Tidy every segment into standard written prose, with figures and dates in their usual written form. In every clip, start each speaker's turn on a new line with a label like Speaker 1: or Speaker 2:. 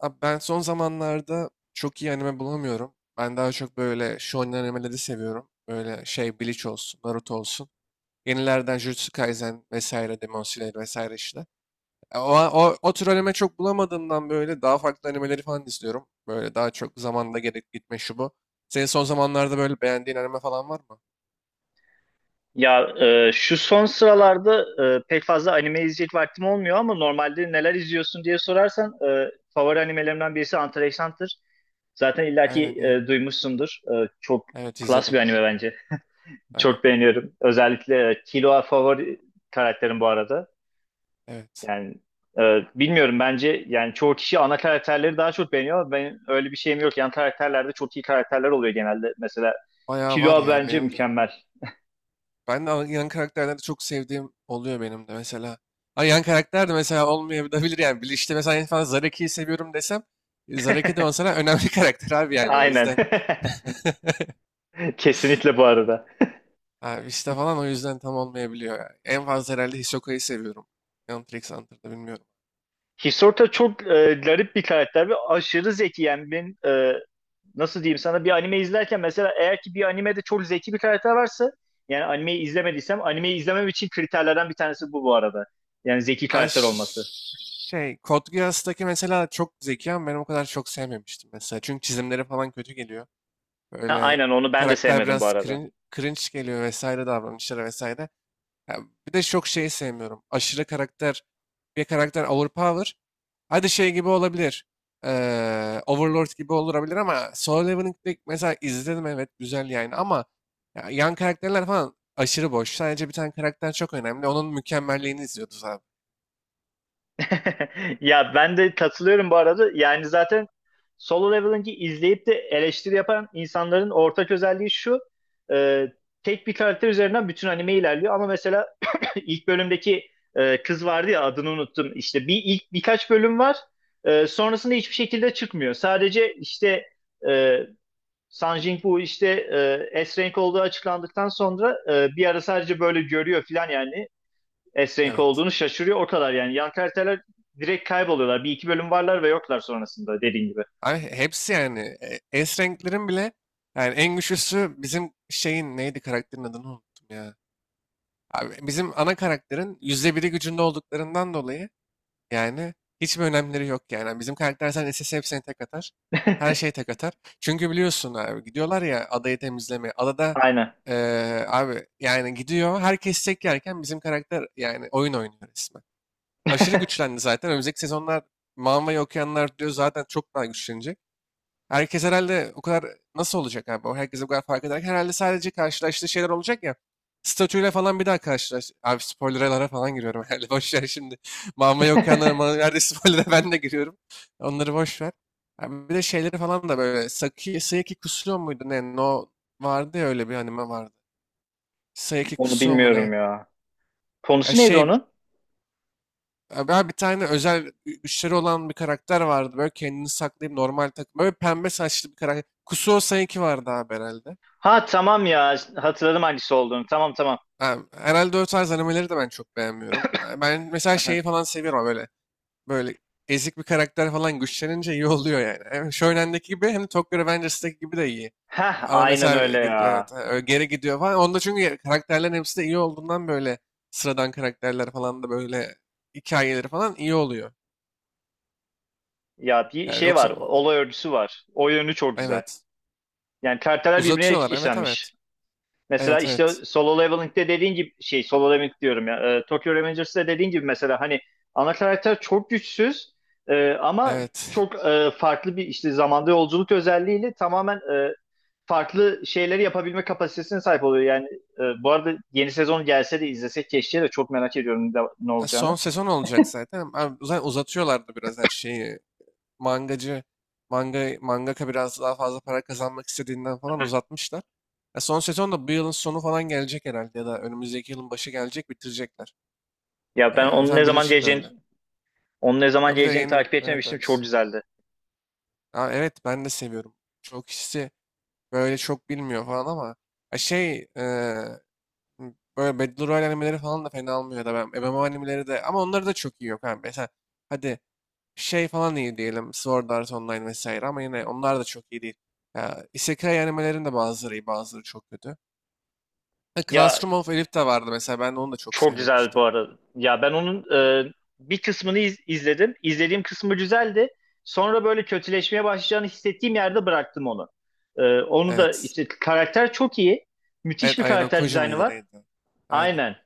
Speaker 1: Abi ben son zamanlarda çok iyi anime bulamıyorum. Ben daha çok böyle shonen animeleri seviyorum. Böyle şey Bleach olsun, Naruto olsun. Yenilerden Jujutsu Kaisen vesaire, Demon Slayer vesaire işte. O tür anime çok bulamadığımdan böyle daha farklı animeleri falan izliyorum. Böyle daha çok zamanda gerek gitme şu bu. Senin son zamanlarda böyle beğendiğin anime falan var mı?
Speaker 2: Ya şu son sıralarda pek fazla anime izleyecek vaktim olmuyor ama normalde neler izliyorsun diye sorarsan favori animelerimden birisi Hunter x Hunter. Zaten illaki
Speaker 1: Aynen, iyi.
Speaker 2: duymuşsundur. Çok
Speaker 1: Evet,
Speaker 2: klas bir
Speaker 1: izledim.
Speaker 2: anime bence.
Speaker 1: Aynen.
Speaker 2: Çok beğeniyorum. Özellikle Killua favori karakterim bu arada.
Speaker 1: Evet.
Speaker 2: Yani e, bilmiyorum, bence yani çoğu kişi ana karakterleri daha çok beğeniyor ama ben öyle bir şeyim yok. Yan karakterlerde çok iyi karakterler oluyor genelde. Mesela
Speaker 1: Bayağı var
Speaker 2: Killua
Speaker 1: ya
Speaker 2: bence
Speaker 1: benim de.
Speaker 2: mükemmel.
Speaker 1: Ben de yan karakterleri çok sevdiğim oluyor benim de mesela. Ha, yan karakter de mesela olmayabilir yani. Bir işte mesela en fazla Zaraki'yi seviyorum desem Zaraki de mesela önemli karakter abi yani o
Speaker 2: Aynen.
Speaker 1: yüzden.
Speaker 2: Kesinlikle bu arada.
Speaker 1: Abi işte falan o yüzden tam olmayabiliyor yani. En fazla herhalde Hisoka'yı seviyorum. Hunter x Hunter'da bilmiyorum.
Speaker 2: Hisorta çok garip bir karakter ve aşırı zeki. Yani ben nasıl diyeyim sana, bir anime izlerken mesela eğer ki bir animede çok zeki bir karakter varsa, yani animeyi izlemediysem animeyi izlemem için kriterlerden bir tanesi bu bu arada. Yani zeki
Speaker 1: Ha,
Speaker 2: karakter olması.
Speaker 1: Code Geass'taki mesela çok zeki ama ben o kadar çok sevmemiştim mesela. Çünkü çizimleri falan kötü geliyor.
Speaker 2: Ha,
Speaker 1: Böyle
Speaker 2: aynen, onu ben de
Speaker 1: karakter
Speaker 2: sevmedim bu
Speaker 1: biraz
Speaker 2: arada.
Speaker 1: cringe geliyor vesaire davranışları vesaire. Ya bir de çok şeyi sevmiyorum. Bir karakter overpower. Hadi şey gibi olabilir. Overlord gibi olabilir ama Solo Leveling'de mesela izledim, evet güzel yani ama ya yan karakterler falan aşırı boş. Sadece bir tane karakter çok önemli. Onun mükemmelliğini izliyoruz abi.
Speaker 2: Ya ben de katılıyorum bu arada. Yani zaten Solo Leveling'i izleyip de eleştiri yapan insanların ortak özelliği şu: e, tek bir karakter üzerinden bütün anime ilerliyor. Ama mesela ilk bölümdeki kız vardı ya, adını unuttum. İşte bir ilk birkaç bölüm var. Sonrasında hiçbir şekilde çıkmıyor. Sadece işte e, Sun Jin-woo işte S-Rank olduğu açıklandıktan sonra bir ara sadece böyle görüyor falan yani. Esrenk'i
Speaker 1: Evet.
Speaker 2: olduğunu şaşırıyor. O kadar yani. Yan karakterler direkt kayboluyorlar. Bir iki bölüm varlar ve yoklar sonrasında, dediğin gibi.
Speaker 1: Abi hepsi yani S renklerin bile yani en güçlüsü bizim şeyin neydi karakterin adını unuttum ya. Abi bizim ana karakterin %1'i gücünde olduklarından dolayı. Yani hiçbir önemleri yok yani. Yani bizim karakter zaten SS hepsine tek atar. Her şey tek atar. Çünkü biliyorsun abi gidiyorlar ya adayı temizlemeye. Adada
Speaker 2: Aynen.
Speaker 1: abi yani gidiyor herkes tek yerken bizim karakter yani oyun oynuyor resmen. Aşırı güçlendi zaten. Önümüzdeki sezonlar Manva'yı okuyanlar diyor zaten çok daha güçlenecek. Herkes herhalde o kadar nasıl olacak abi? O herkes o kadar fark ederken herhalde sadece karşılaştığı şeyler olacak ya. Statüyle falan bir daha karşılaş. Abi spoilerlara falan giriyorum herhalde. Boş ver şimdi. Mama yok nerede spoiler'a ben de giriyorum. Onları boş ver. Abi bir de şeyleri falan da böyle Saki, Sayaki Kusuo muydu ne? No, vardı ya öyle bir anime vardı. Sayaki
Speaker 2: Onu
Speaker 1: Kusuo mu ne?
Speaker 2: bilmiyorum ya.
Speaker 1: Ya
Speaker 2: Konusu neydi
Speaker 1: şey,
Speaker 2: onun?
Speaker 1: abi bir tane özel güçleri olan bir karakter vardı. Böyle kendini saklayıp normal takım. Böyle pembe saçlı bir karakter. Kusuo Sayaki vardı abi herhalde.
Speaker 2: Ha, tamam ya. Hatırladım hangisi olduğunu. Tamam, tamam.
Speaker 1: Ha, herhalde o tarz animeleri de ben çok beğenmiyorum. Ben mesela şeyi falan seviyorum böyle. Böyle ezik bir karakter falan güçlenince iyi oluyor yani. Hem Shonen'deki gibi hem de Tokyo Revengers'daki gibi de iyi.
Speaker 2: Heh,
Speaker 1: Ama
Speaker 2: aynen
Speaker 1: mesela
Speaker 2: öyle ya.
Speaker 1: geri gidiyor falan. Onda çünkü karakterlerin hepsi de iyi olduğundan böyle sıradan karakterler falan da böyle hikayeleri falan iyi oluyor.
Speaker 2: Ya, bir
Speaker 1: Yani
Speaker 2: şey var.
Speaker 1: yoksa
Speaker 2: Olay örgüsü var. O yönü çok güzel.
Speaker 1: evet,
Speaker 2: Yani karakterler birbirine
Speaker 1: uzatıyorlar, evet evet.
Speaker 2: işlenmiş. Mesela
Speaker 1: Evet
Speaker 2: işte
Speaker 1: evet.
Speaker 2: Solo Leveling'de dediğin gibi, şey, Solo Leveling diyorum ya, Tokyo Revengers'da dediğin gibi mesela hani ana karakter çok güçsüz, ama
Speaker 1: Evet.
Speaker 2: çok farklı bir işte zamanda yolculuk özelliğiyle tamamen farklı şeyleri yapabilme kapasitesine sahip oluyor. Yani bu arada yeni sezon gelse de izlesek keşke, de çok merak ediyorum ne
Speaker 1: Ya, son
Speaker 2: olacağını.
Speaker 1: sezon olacak zaten. Abi, zaten uzatıyorlardı biraz her şeyi. Mangacı manga mangaka biraz daha fazla para kazanmak istediğinden
Speaker 2: Hı
Speaker 1: falan
Speaker 2: hı.
Speaker 1: uzatmışlar. Ya, son sezon da bu yılın sonu falan gelecek herhalde ya da önümüzdeki yılın başı gelecek bitirecekler.
Speaker 2: Ya, ben onun ne
Speaker 1: Mesela
Speaker 2: zaman
Speaker 1: Bleach'in de
Speaker 2: geleceğini
Speaker 1: öyle.
Speaker 2: onun ne zaman
Speaker 1: Ha, bir de
Speaker 2: geleceğini
Speaker 1: yeni,
Speaker 2: takip
Speaker 1: evet
Speaker 2: etmemiştim, çok
Speaker 1: evet.
Speaker 2: güzeldi.
Speaker 1: Ha, evet ben de seviyorum. Çok kişisi böyle çok bilmiyor falan ama ya şey böyle Battle Royale animeleri falan da fena olmuyor da ben MMO animeleri de ama onları da çok iyi yok. Ha, mesela hadi şey falan iyi diyelim. Sword Art Online vesaire ama yine onlar da çok iyi değil. Ya, Isekai animelerin de bazıları iyi, bazıları çok kötü. Ha,
Speaker 2: Ya,
Speaker 1: Classroom of Elif de vardı mesela. Ben de onu da çok
Speaker 2: çok güzel bu
Speaker 1: sevmemiştim.
Speaker 2: arada. Ya ben onun e, bir kısmını izledim. İzlediğim kısmı güzeldi. Sonra böyle kötüleşmeye başlayacağını hissettiğim yerde bıraktım onu. Onu da
Speaker 1: Evet.
Speaker 2: işte karakter çok iyi. Müthiş
Speaker 1: Evet,
Speaker 2: bir
Speaker 1: Ayano
Speaker 2: karakter
Speaker 1: Koji
Speaker 2: dizaynı
Speaker 1: mıydı
Speaker 2: var.
Speaker 1: neydi? Aynen.
Speaker 2: Aynen.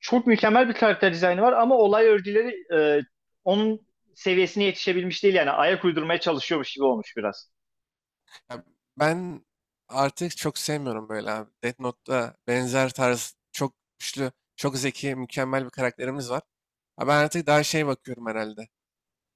Speaker 2: Çok mükemmel bir karakter dizaynı var ama olay örgüleri onun seviyesine yetişebilmiş değil, yani ayak uydurmaya çalışıyormuş gibi olmuş biraz.
Speaker 1: Ya, ben artık çok sevmiyorum böyle abi. Death Note'da benzer tarz çok güçlü, çok zeki, mükemmel bir karakterimiz var. Ha, ben artık daha şey bakıyorum herhalde.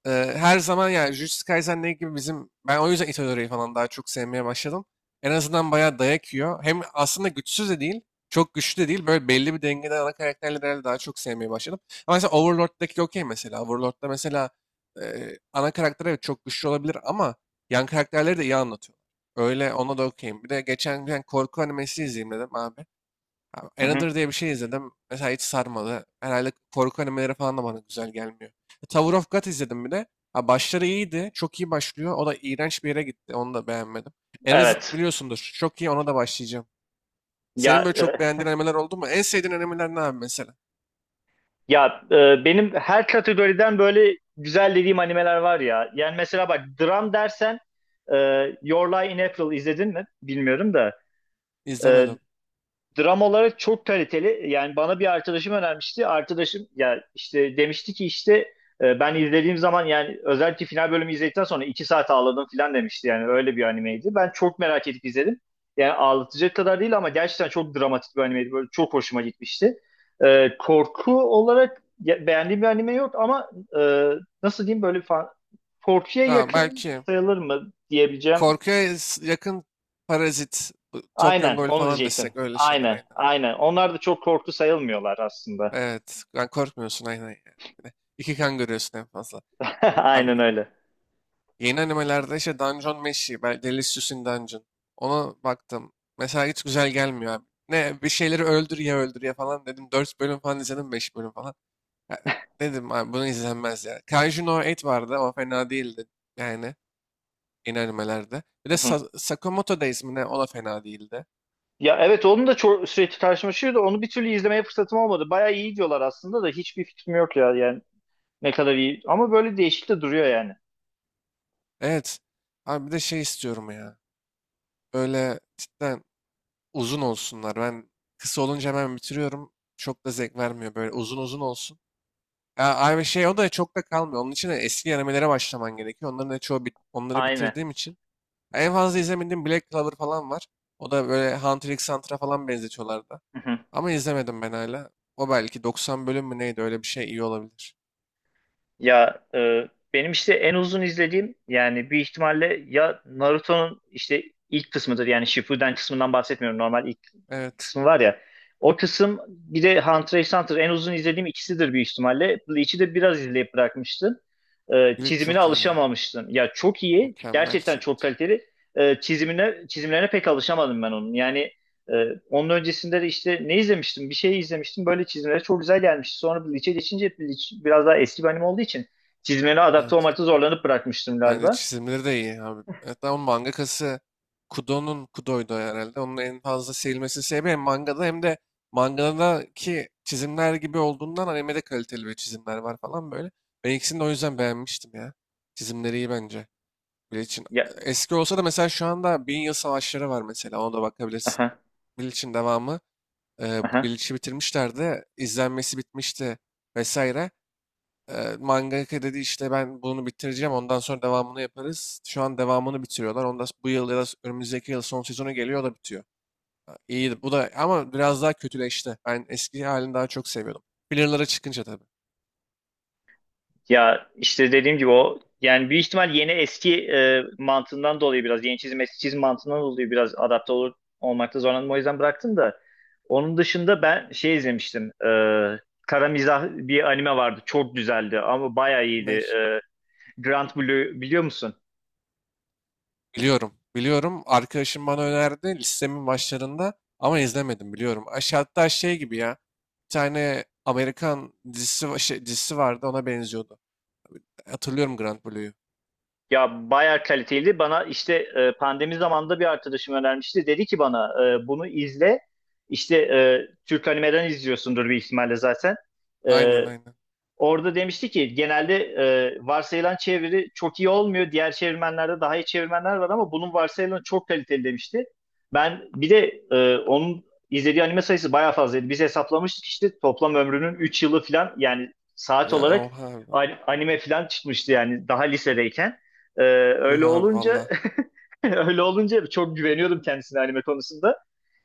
Speaker 1: Ee, her zaman yani Jujutsu Kaisen ne gibi bizim ben o yüzden Itadori'yi falan daha çok sevmeye başladım. En azından bayağı dayak yiyor. Hem aslında güçsüz de değil, çok güçlü de değil. Böyle belli bir dengede ana karakterleri herhalde daha çok sevmeye başladım. Ama mesela Overlord'daki okey mesela. Overlord'da mesela ana karakter evet çok güçlü olabilir ama yan karakterleri de iyi anlatıyor. Öyle ona da okeyim. Bir de geçen gün korku animesi izleyeyim dedim abi. Abi,
Speaker 2: Hı hı.
Speaker 1: Another diye bir şey izledim. Mesela hiç sarmadı. Herhalde korku animeleri falan da bana güzel gelmiyor. Tower of God izledim bir de. Ha, başları iyiydi. Çok iyi başlıyor. O da iğrenç bir yere gitti. Onu da beğenmedim. Erased
Speaker 2: Evet.
Speaker 1: biliyorsundur. Çok iyi, ona da başlayacağım.
Speaker 2: Ya
Speaker 1: Senin böyle çok
Speaker 2: e,
Speaker 1: beğendiğin animeler oldu mu? En sevdiğin animeler ne abi mesela?
Speaker 2: Ya, benim her kategoriden böyle güzel dediğim animeler var ya. Yani mesela bak, dram dersen e, Your Lie in April izledin mi? Bilmiyorum da. E,
Speaker 1: İzlemedim.
Speaker 2: Dram olarak çok kaliteli. Yani bana bir arkadaşım önermişti. Arkadaşım ya işte demişti ki, işte ben izlediğim zaman yani özellikle final bölümü izledikten sonra 2 saat ağladım falan demişti. Yani öyle bir animeydi. Ben çok merak edip izledim. Yani ağlatacak kadar değil ama gerçekten çok dramatik bir animeydi. Böyle çok hoşuma gitmişti. Korku olarak beğendiğim bir anime yok ama e, nasıl diyeyim böyle korkuya
Speaker 1: Ha,
Speaker 2: yakın
Speaker 1: belki
Speaker 2: sayılır mı diyebileceğim.
Speaker 1: korkuya yakın Parazit, bu Tokyo
Speaker 2: Aynen,
Speaker 1: Ghoul
Speaker 2: onu
Speaker 1: falan
Speaker 2: diyecektim.
Speaker 1: desek, öyle şeyler
Speaker 2: Aynen,
Speaker 1: aynen aynen.
Speaker 2: aynen. Onlar da çok korktu sayılmıyorlar aslında.
Speaker 1: Evet. Yani korkmuyorsun aynen yani. Bir de İki kan görüyorsun en fazla.
Speaker 2: Aynen
Speaker 1: Abi,
Speaker 2: öyle.
Speaker 1: yeni animelerde işte Dungeon Meshi, ben Delicious in Dungeon. Ona baktım. Mesela hiç güzel gelmiyor abi. Ne bir şeyleri öldür ya öldür ya falan dedim. 4 bölüm falan izledim, 5 bölüm falan. Ya, dedim abi bunu izlenmez ya. Kaiju no 8 vardı, o fena değildi. Yani yeni animelerde. Bir
Speaker 2: Hı
Speaker 1: de
Speaker 2: hı.
Speaker 1: Sakamoto Days mi ne, o da fena değildi.
Speaker 2: Ya evet, onun da çok sürekli karşıma çıkıyordu. Onu bir türlü izlemeye fırsatım olmadı. Bayağı iyi diyorlar aslında da, hiçbir fikrim yok ya, yani ne kadar iyi. Ama böyle değişik de duruyor yani.
Speaker 1: Evet. Abi bir de şey istiyorum ya. Böyle cidden uzun olsunlar. Ben kısa olunca hemen bitiriyorum. Çok da zevk vermiyor. Böyle uzun uzun olsun. Ya, abi şey o da çok da kalmıyor. Onun için de eski animelere başlaman gerekiyor. Onların da çoğu onları
Speaker 2: Aynen.
Speaker 1: bitirdiğim için. Ya, en fazla izlemediğim Black Clover falan var. O da böyle Hunter x Hunter'a falan benzetiyorlar da. Ama izlemedim ben hala. O belki 90 bölüm mü neydi, öyle bir şey iyi olabilir.
Speaker 2: Ya, benim işte en uzun izlediğim yani büyük ihtimalle ya Naruto'nun işte ilk kısmıdır, yani Shippuden kısmından bahsetmiyorum, normal ilk
Speaker 1: Evet.
Speaker 2: kısmı var ya. O kısım bir de Hunter x Hunter, en uzun izlediğim ikisidir büyük ihtimalle. Bleach'i de biraz izleyip bırakmıştım. E,
Speaker 1: Glitch
Speaker 2: çizimine
Speaker 1: çok iyi ya.
Speaker 2: alışamamıştım. Ya çok iyi
Speaker 1: Mükemmel
Speaker 2: gerçekten,
Speaker 1: şey.
Speaker 2: çok kaliteli. E, çizimine Çizimlerine pek alışamadım ben onun. Yani onun öncesinde de işte ne izlemiştim? Bir şey izlemiştim. Böyle çizimleri çok güzel gelmişti. Sonra bu Lich'e geçince, Lich biraz daha eski bir anime olduğu için çizimlere adapte
Speaker 1: Evet.
Speaker 2: olmakta zorlanıp bırakmıştım
Speaker 1: Bence
Speaker 2: galiba.
Speaker 1: çizimleri de iyi abi. Hatta onun mangakası Kudo'ydu herhalde. Onun en fazla sevilmesi sebebi hem mangada hem de mangadaki çizimler gibi olduğundan animede kaliteli bir çizimler var falan böyle. Ben ikisini de o yüzden beğenmiştim ya. Çizimleri iyi bence. Bleach'in.
Speaker 2: Ya,
Speaker 1: Eski olsa da mesela şu anda Bin Yıl Savaşları var mesela. Ona da bakabilirsin.
Speaker 2: aha,
Speaker 1: Bleach'in devamı. E, bu
Speaker 2: aha.
Speaker 1: Bleach'i bitirmişlerdi. İzlenmesi bitmişti vesaire. Mangaka dedi işte ben bunu bitireceğim ondan sonra devamını yaparız. Şu an devamını bitiriyorlar. Ondan bu yıl ya da önümüzdeki yıl son sezonu geliyor o da bitiyor. Ha, İyi bu da ama biraz daha kötüleşti. Ben eski halini daha çok seviyordum. Filler'lara çıkınca tabii.
Speaker 2: Ya işte dediğim gibi, o yani büyük ihtimal yeni eski mantığından dolayı, biraz yeni çizim eski çizim mantığından dolayı biraz olmakta zorlandım, o yüzden bıraktım da onun dışında ben şey izlemiştim, Kara Mizah bir anime vardı, çok güzeldi ama bayağı iyiydi.
Speaker 1: Ne?
Speaker 2: Grand Blue biliyor musun?
Speaker 1: Biliyorum. Biliyorum. Arkadaşım bana önerdi, listemin başlarında ama izlemedim, biliyorum. Aşağı hatta şey gibi ya. Bir tane Amerikan dizisi, dizisi vardı, ona benziyordu. Hatırlıyorum Grand Blue'yu.
Speaker 2: Ya bayağı kaliteliydi, bana işte pandemi zamanında bir arkadaşım önermişti, dedi ki bana bunu izle, işte Türk animeden izliyorsundur bir ihtimalle zaten. E,
Speaker 1: Aynen aynen.
Speaker 2: Orada demişti ki genelde varsayılan çeviri çok iyi olmuyor. Diğer çevirmenlerde daha iyi çevirmenler var ama bunun varsayılanı çok kaliteli demişti. Ben bir de onun izlediği anime sayısı bayağı fazlaydı. Biz hesaplamıştık işte toplam ömrünün 3 yılı falan, yani saat
Speaker 1: Ya
Speaker 2: olarak
Speaker 1: oha abi.
Speaker 2: anime falan çıkmıştı, yani daha lisedeyken. E,
Speaker 1: Yuh
Speaker 2: öyle
Speaker 1: abi valla.
Speaker 2: olunca öyle olunca çok güveniyordum kendisine anime konusunda.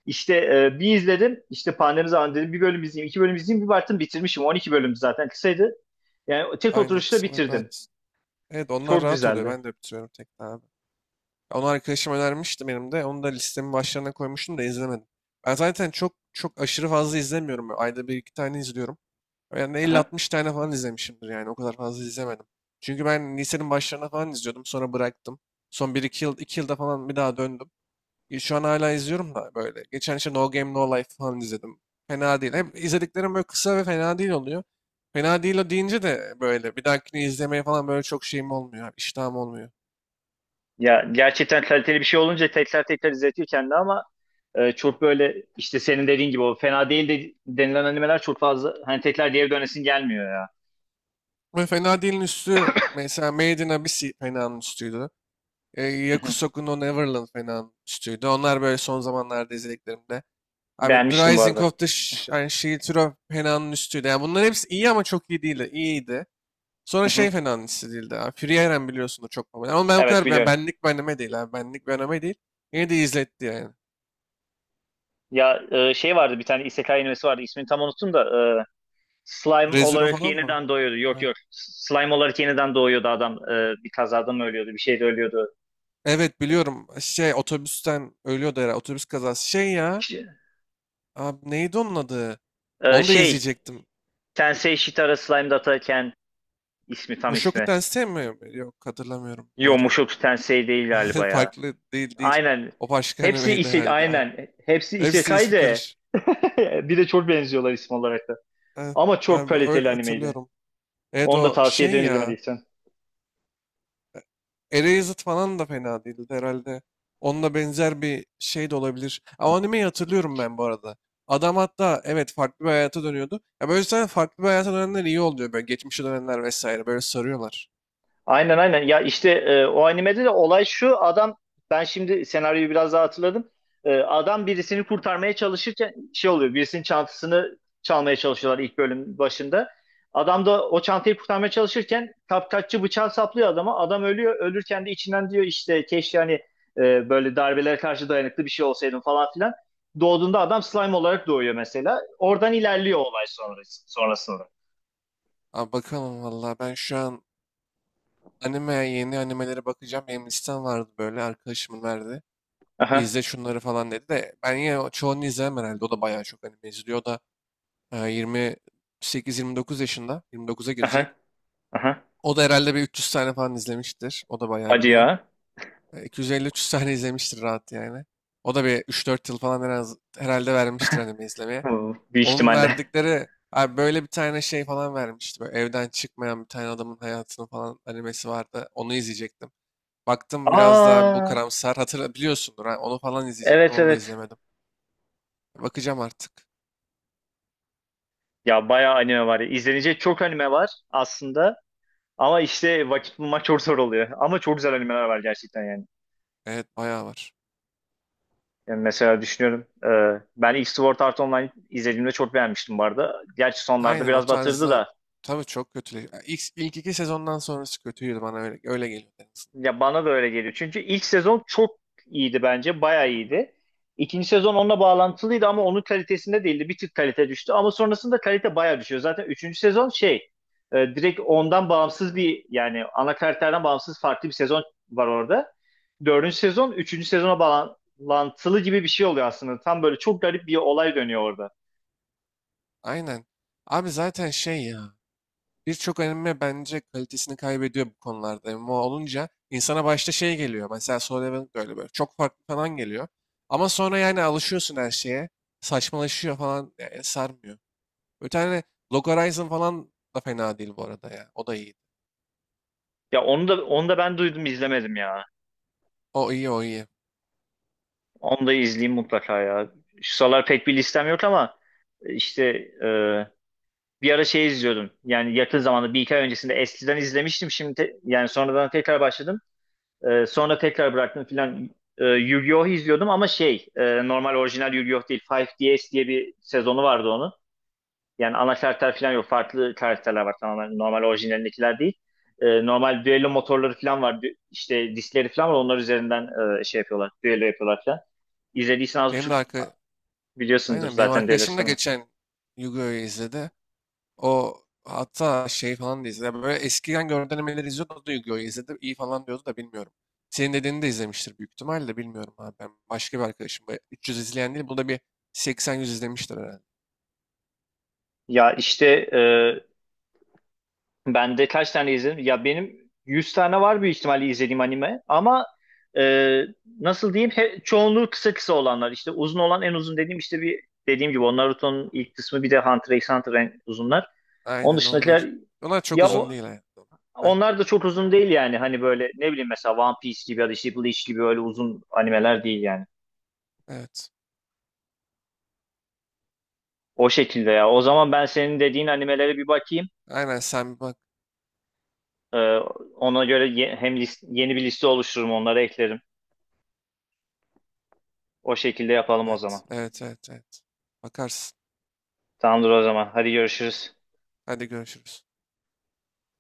Speaker 2: İşte bir izledim, işte pandemi zamanı dedim bir bölüm izleyeyim, iki bölüm izleyeyim. Bir baktım bitirmişim. 12 bölüm zaten kısaydı. Yani tek
Speaker 1: Aynen,
Speaker 2: oturuşta
Speaker 1: kısalar
Speaker 2: bitirdin.
Speaker 1: rahat. Evet, onlar
Speaker 2: Çok
Speaker 1: rahat oluyor.
Speaker 2: güzeldi.
Speaker 1: Ben de bitiriyorum tekrar abi. Onu arkadaşım önermişti benim de. Onu da listemin başlarına koymuştum da izlemedim. Ben zaten çok çok aşırı fazla izlemiyorum. Ayda bir iki tane izliyorum. Yani elli
Speaker 2: Aha.
Speaker 1: altmış tane falan izlemişimdir yani. O kadar fazla izlemedim. Çünkü ben lisenin başlarına falan izliyordum. Sonra bıraktım. Son bir 2 yıl, iki yılda falan bir daha döndüm. Şu an hala izliyorum da böyle. Geçen işte No Game No Life falan izledim. Fena değil. Hep izlediklerim böyle kısa ve fena değil oluyor. Fena değil o deyince de böyle bir dahakini izlemeye falan böyle çok şeyim olmuyor. Yani İştahım olmuyor.
Speaker 2: Ya, gerçekten kaliteli bir şey olunca tekrar tekrar izletiyor kendini ama çok böyle işte senin dediğin gibi o fena değil de denilen animeler çok fazla, hani tekrar geri dönesin gelmiyor ya.
Speaker 1: Ve fena değilin üstü mesela Made in Abyss fena'nın üstüydü.
Speaker 2: Hı hı.
Speaker 1: Yakusoku no Neverland fena'nın üstüydü. Onlar böyle son zamanlarda izlediklerimde. Abi The
Speaker 2: Beğenmiştim bu
Speaker 1: Rising
Speaker 2: arada.
Speaker 1: of the yani Shield Hero fena'nın üstüydü. Yani bunların hepsi iyi ama çok iyi değildi. İyiydi. Sonra
Speaker 2: Hı hı.
Speaker 1: şey fena hissedildi abi. Free Iron biliyorsun da çok popüler. Ama ben o
Speaker 2: Evet,
Speaker 1: kadar
Speaker 2: biliyorum.
Speaker 1: benlik bir anime değil abi. Benlik bir anime değil. Yine de izletti yani.
Speaker 2: Ya, şey vardı, bir tane isekai animesi vardı ismini tam unuttum da e, slime
Speaker 1: Re:Zero
Speaker 2: olarak
Speaker 1: falan mı?
Speaker 2: yeniden doğuyordu. Yok
Speaker 1: Ha.
Speaker 2: yok, slime olarak yeniden doğuyordu adam. E, bir kazada mı ölüyordu, bir şeyde ölüyordu.
Speaker 1: Evet biliyorum. Şey otobüsten ölüyordu herhalde. Otobüs kazası. Şey ya.
Speaker 2: İşte,
Speaker 1: Abi neydi onun adı?
Speaker 2: e,
Speaker 1: Onu da
Speaker 2: şey
Speaker 1: izleyecektim.
Speaker 2: Tensei Shitara Slime Dataken. İsmi, tam
Speaker 1: Mushoku
Speaker 2: ismi.
Speaker 1: Tensei mi? Yok hatırlamıyorum.
Speaker 2: Yo,
Speaker 1: Doğru.
Speaker 2: Mushoku Tensei değil galiba ya.
Speaker 1: Farklı, değil değil.
Speaker 2: Aynen.
Speaker 1: O başka
Speaker 2: Hepsi
Speaker 1: animeydi
Speaker 2: ise
Speaker 1: herhalde abi.
Speaker 2: aynen. Hepsi
Speaker 1: Hepsinin
Speaker 2: isekai
Speaker 1: ismi
Speaker 2: de
Speaker 1: karış.
Speaker 2: bir de çok benziyorlar isim olarak da.
Speaker 1: Evet,
Speaker 2: Ama çok
Speaker 1: abi öyle
Speaker 2: kaliteli animeydi.
Speaker 1: hatırlıyorum. Evet
Speaker 2: Onu da
Speaker 1: o
Speaker 2: tavsiye
Speaker 1: şey
Speaker 2: ederim
Speaker 1: ya.
Speaker 2: izlemediysen.
Speaker 1: Erased falan da fena değildi herhalde. Onunla benzer bir şey de olabilir. Ama animeyi hatırlıyorum ben bu arada. Adam hatta evet farklı bir hayata dönüyordu. Ya böyle zaten farklı bir hayata dönenler iyi oluyor. Böyle geçmişe dönenler vesaire böyle sarıyorlar.
Speaker 2: Aynen, aynen. Ya, işte o animede de olay şu. Adam, ben şimdi senaryoyu biraz daha hatırladım. Adam birisini kurtarmaya çalışırken şey oluyor. Birisinin çantasını çalmaya çalışıyorlar ilk bölüm başında. Adam da o çantayı kurtarmaya çalışırken kapkaççı bıçağı saplıyor adama. Adam ölüyor. Ölürken de içinden diyor, işte keşke hani böyle darbelere karşı dayanıklı bir şey olsaydım falan filan. Doğduğunda adam slime olarak doğuyor mesela. Oradan ilerliyor olay sonrası, sonrasında.
Speaker 1: Abi bakalım valla ben şu an yeni animelere bakacağım. Benim listem vardı böyle, arkadaşımın verdi.
Speaker 2: Aha,
Speaker 1: İzle şunları falan dedi de ben yine çoğunu izlemem herhalde. O da bayağı çok anime izliyor. O da e, 28-29 yaşında. 29'a girecek.
Speaker 2: aha, aha.
Speaker 1: O da herhalde bir 300 tane falan izlemiştir. O da bayağı
Speaker 2: Hadi
Speaker 1: biliyor.
Speaker 2: ya.
Speaker 1: 250-300 tane izlemiştir rahat yani. O da bir 3-4 yıl falan herhalde vermiştir anime izlemeye.
Speaker 2: Bu büyük
Speaker 1: Onun
Speaker 2: ihtimalle.
Speaker 1: verdikleri abi böyle bir tane şey falan vermişti. Böyle evden çıkmayan bir tane adamın hayatını falan animesi vardı. Onu izleyecektim. Baktım biraz daha bu
Speaker 2: Aa,
Speaker 1: karamsar. Hatırla biliyorsundur. Ha, onu falan izleyecektim.
Speaker 2: evet,
Speaker 1: Onu da
Speaker 2: evet.
Speaker 1: izlemedim. Bakacağım artık.
Speaker 2: Ya, bayağı anime var ya. İzlenecek çok anime var aslında. Ama işte vakit bulmak çok zor oluyor. Ama çok güzel animeler var gerçekten yani.
Speaker 1: Evet bayağı var.
Speaker 2: Yani mesela düşünüyorum. Ben ilk Sword Art Online izlediğimde çok beğenmiştim bu arada. Gerçi sonlarda
Speaker 1: Aynen, o
Speaker 2: biraz batırdı
Speaker 1: tarzda
Speaker 2: da.
Speaker 1: tabii çok kötü. İlk iki sezondan sonrası kötüydü bana öyle geliyor.
Speaker 2: Ya bana da öyle geliyor. Çünkü ilk sezon çok iyiydi bence. Bayağı iyiydi. İkinci sezon onunla bağlantılıydı ama onun kalitesinde değildi. Bir tık kalite düştü ama sonrasında kalite bayağı düşüyor. Zaten üçüncü sezon direkt ondan bağımsız bir, yani ana karakterden bağımsız farklı bir sezon var orada. Dördüncü sezon üçüncü sezona bağlantılı gibi bir şey oluyor aslında. Tam böyle çok garip bir olay dönüyor orada.
Speaker 1: Aynen. Abi zaten şey ya. Birçok anime bence kalitesini kaybediyor bu konularda. MMO olunca insana başta şey geliyor. Mesela Solo Leveling de öyle böyle. Çok farklı falan geliyor. Ama sonra yani alışıyorsun her şeye. Saçmalaşıyor falan. Yani sarmıyor. Bir tane Log Horizon falan da fena değil bu arada ya. O da iyi.
Speaker 2: Ya, onu da onu da ben duydum, izlemedim ya.
Speaker 1: O iyi o iyi.
Speaker 2: Onu da izleyeyim mutlaka ya. Şu sıralar pek bir listem yok ama işte e, bir ara şey izliyordum. Yani yakın zamanda bir iki ay öncesinde eskiden izlemiştim. Şimdi yani sonradan tekrar başladım. Sonra tekrar bıraktım filan. Yu-Gi-Oh izliyordum ama normal orijinal Yu-Gi-Oh değil. 5 S diye bir sezonu vardı onun. Yani ana karakter falan yok. Farklı karakterler var tamamen. Normal orijinalindekiler değil. Normal düello motorları falan var. Dü- işte diskleri falan var. Onlar üzerinden yapıyorlar. Düello yapıyorlar falan. İzlediysen az
Speaker 1: Benim de
Speaker 2: buçuk
Speaker 1: arka...
Speaker 2: biliyorsundur
Speaker 1: Aynen benim
Speaker 2: zaten düello
Speaker 1: arkadaşım da
Speaker 2: sistemini.
Speaker 1: geçen Yu-Gi-Oh'yu izledi. O hatta şey falan da izledi. Böyle eskiden görüntülemeleri izliyordu. O da Yu-Gi-Oh! İzledi. İyi falan diyordu da bilmiyorum. Senin dediğini de izlemiştir büyük ihtimalle. Bilmiyorum abi. Ben başka bir arkadaşım. Böyle 300 izleyen değil. Bu da bir 80-100 izlemiştir herhalde.
Speaker 2: Ya, işte e, Ben de kaç tane izledim? Ya benim 100 tane var büyük ihtimalle izlediğim anime ama e, nasıl diyeyim, çoğunluğu kısa kısa olanlar, İşte uzun olan en uzun dediğim, işte bir dediğim gibi o Naruto'nun ilk kısmı bir de Hunter x Hunter en uzunlar. Onun
Speaker 1: Aynen onlar.
Speaker 2: dışındakiler
Speaker 1: Onlar çok
Speaker 2: ya
Speaker 1: uzun
Speaker 2: o,
Speaker 1: değil hayatım. Aynen.
Speaker 2: onlar da çok uzun değil yani, hani böyle ne bileyim, mesela One Piece gibi ya da işte Bleach gibi öyle uzun animeler değil yani.
Speaker 1: Evet.
Speaker 2: O şekilde ya. O zaman ben senin dediğin animelere bir bakayım.
Speaker 1: Aynen sen bir bak.
Speaker 2: E, ona göre hem yeni bir liste oluştururum, onları eklerim. O şekilde yapalım o
Speaker 1: Evet.
Speaker 2: zaman.
Speaker 1: Evet. Evet. Evet. Bakarsın.
Speaker 2: Tamamdır o zaman. Hadi görüşürüz.
Speaker 1: Hadi görüşürüz.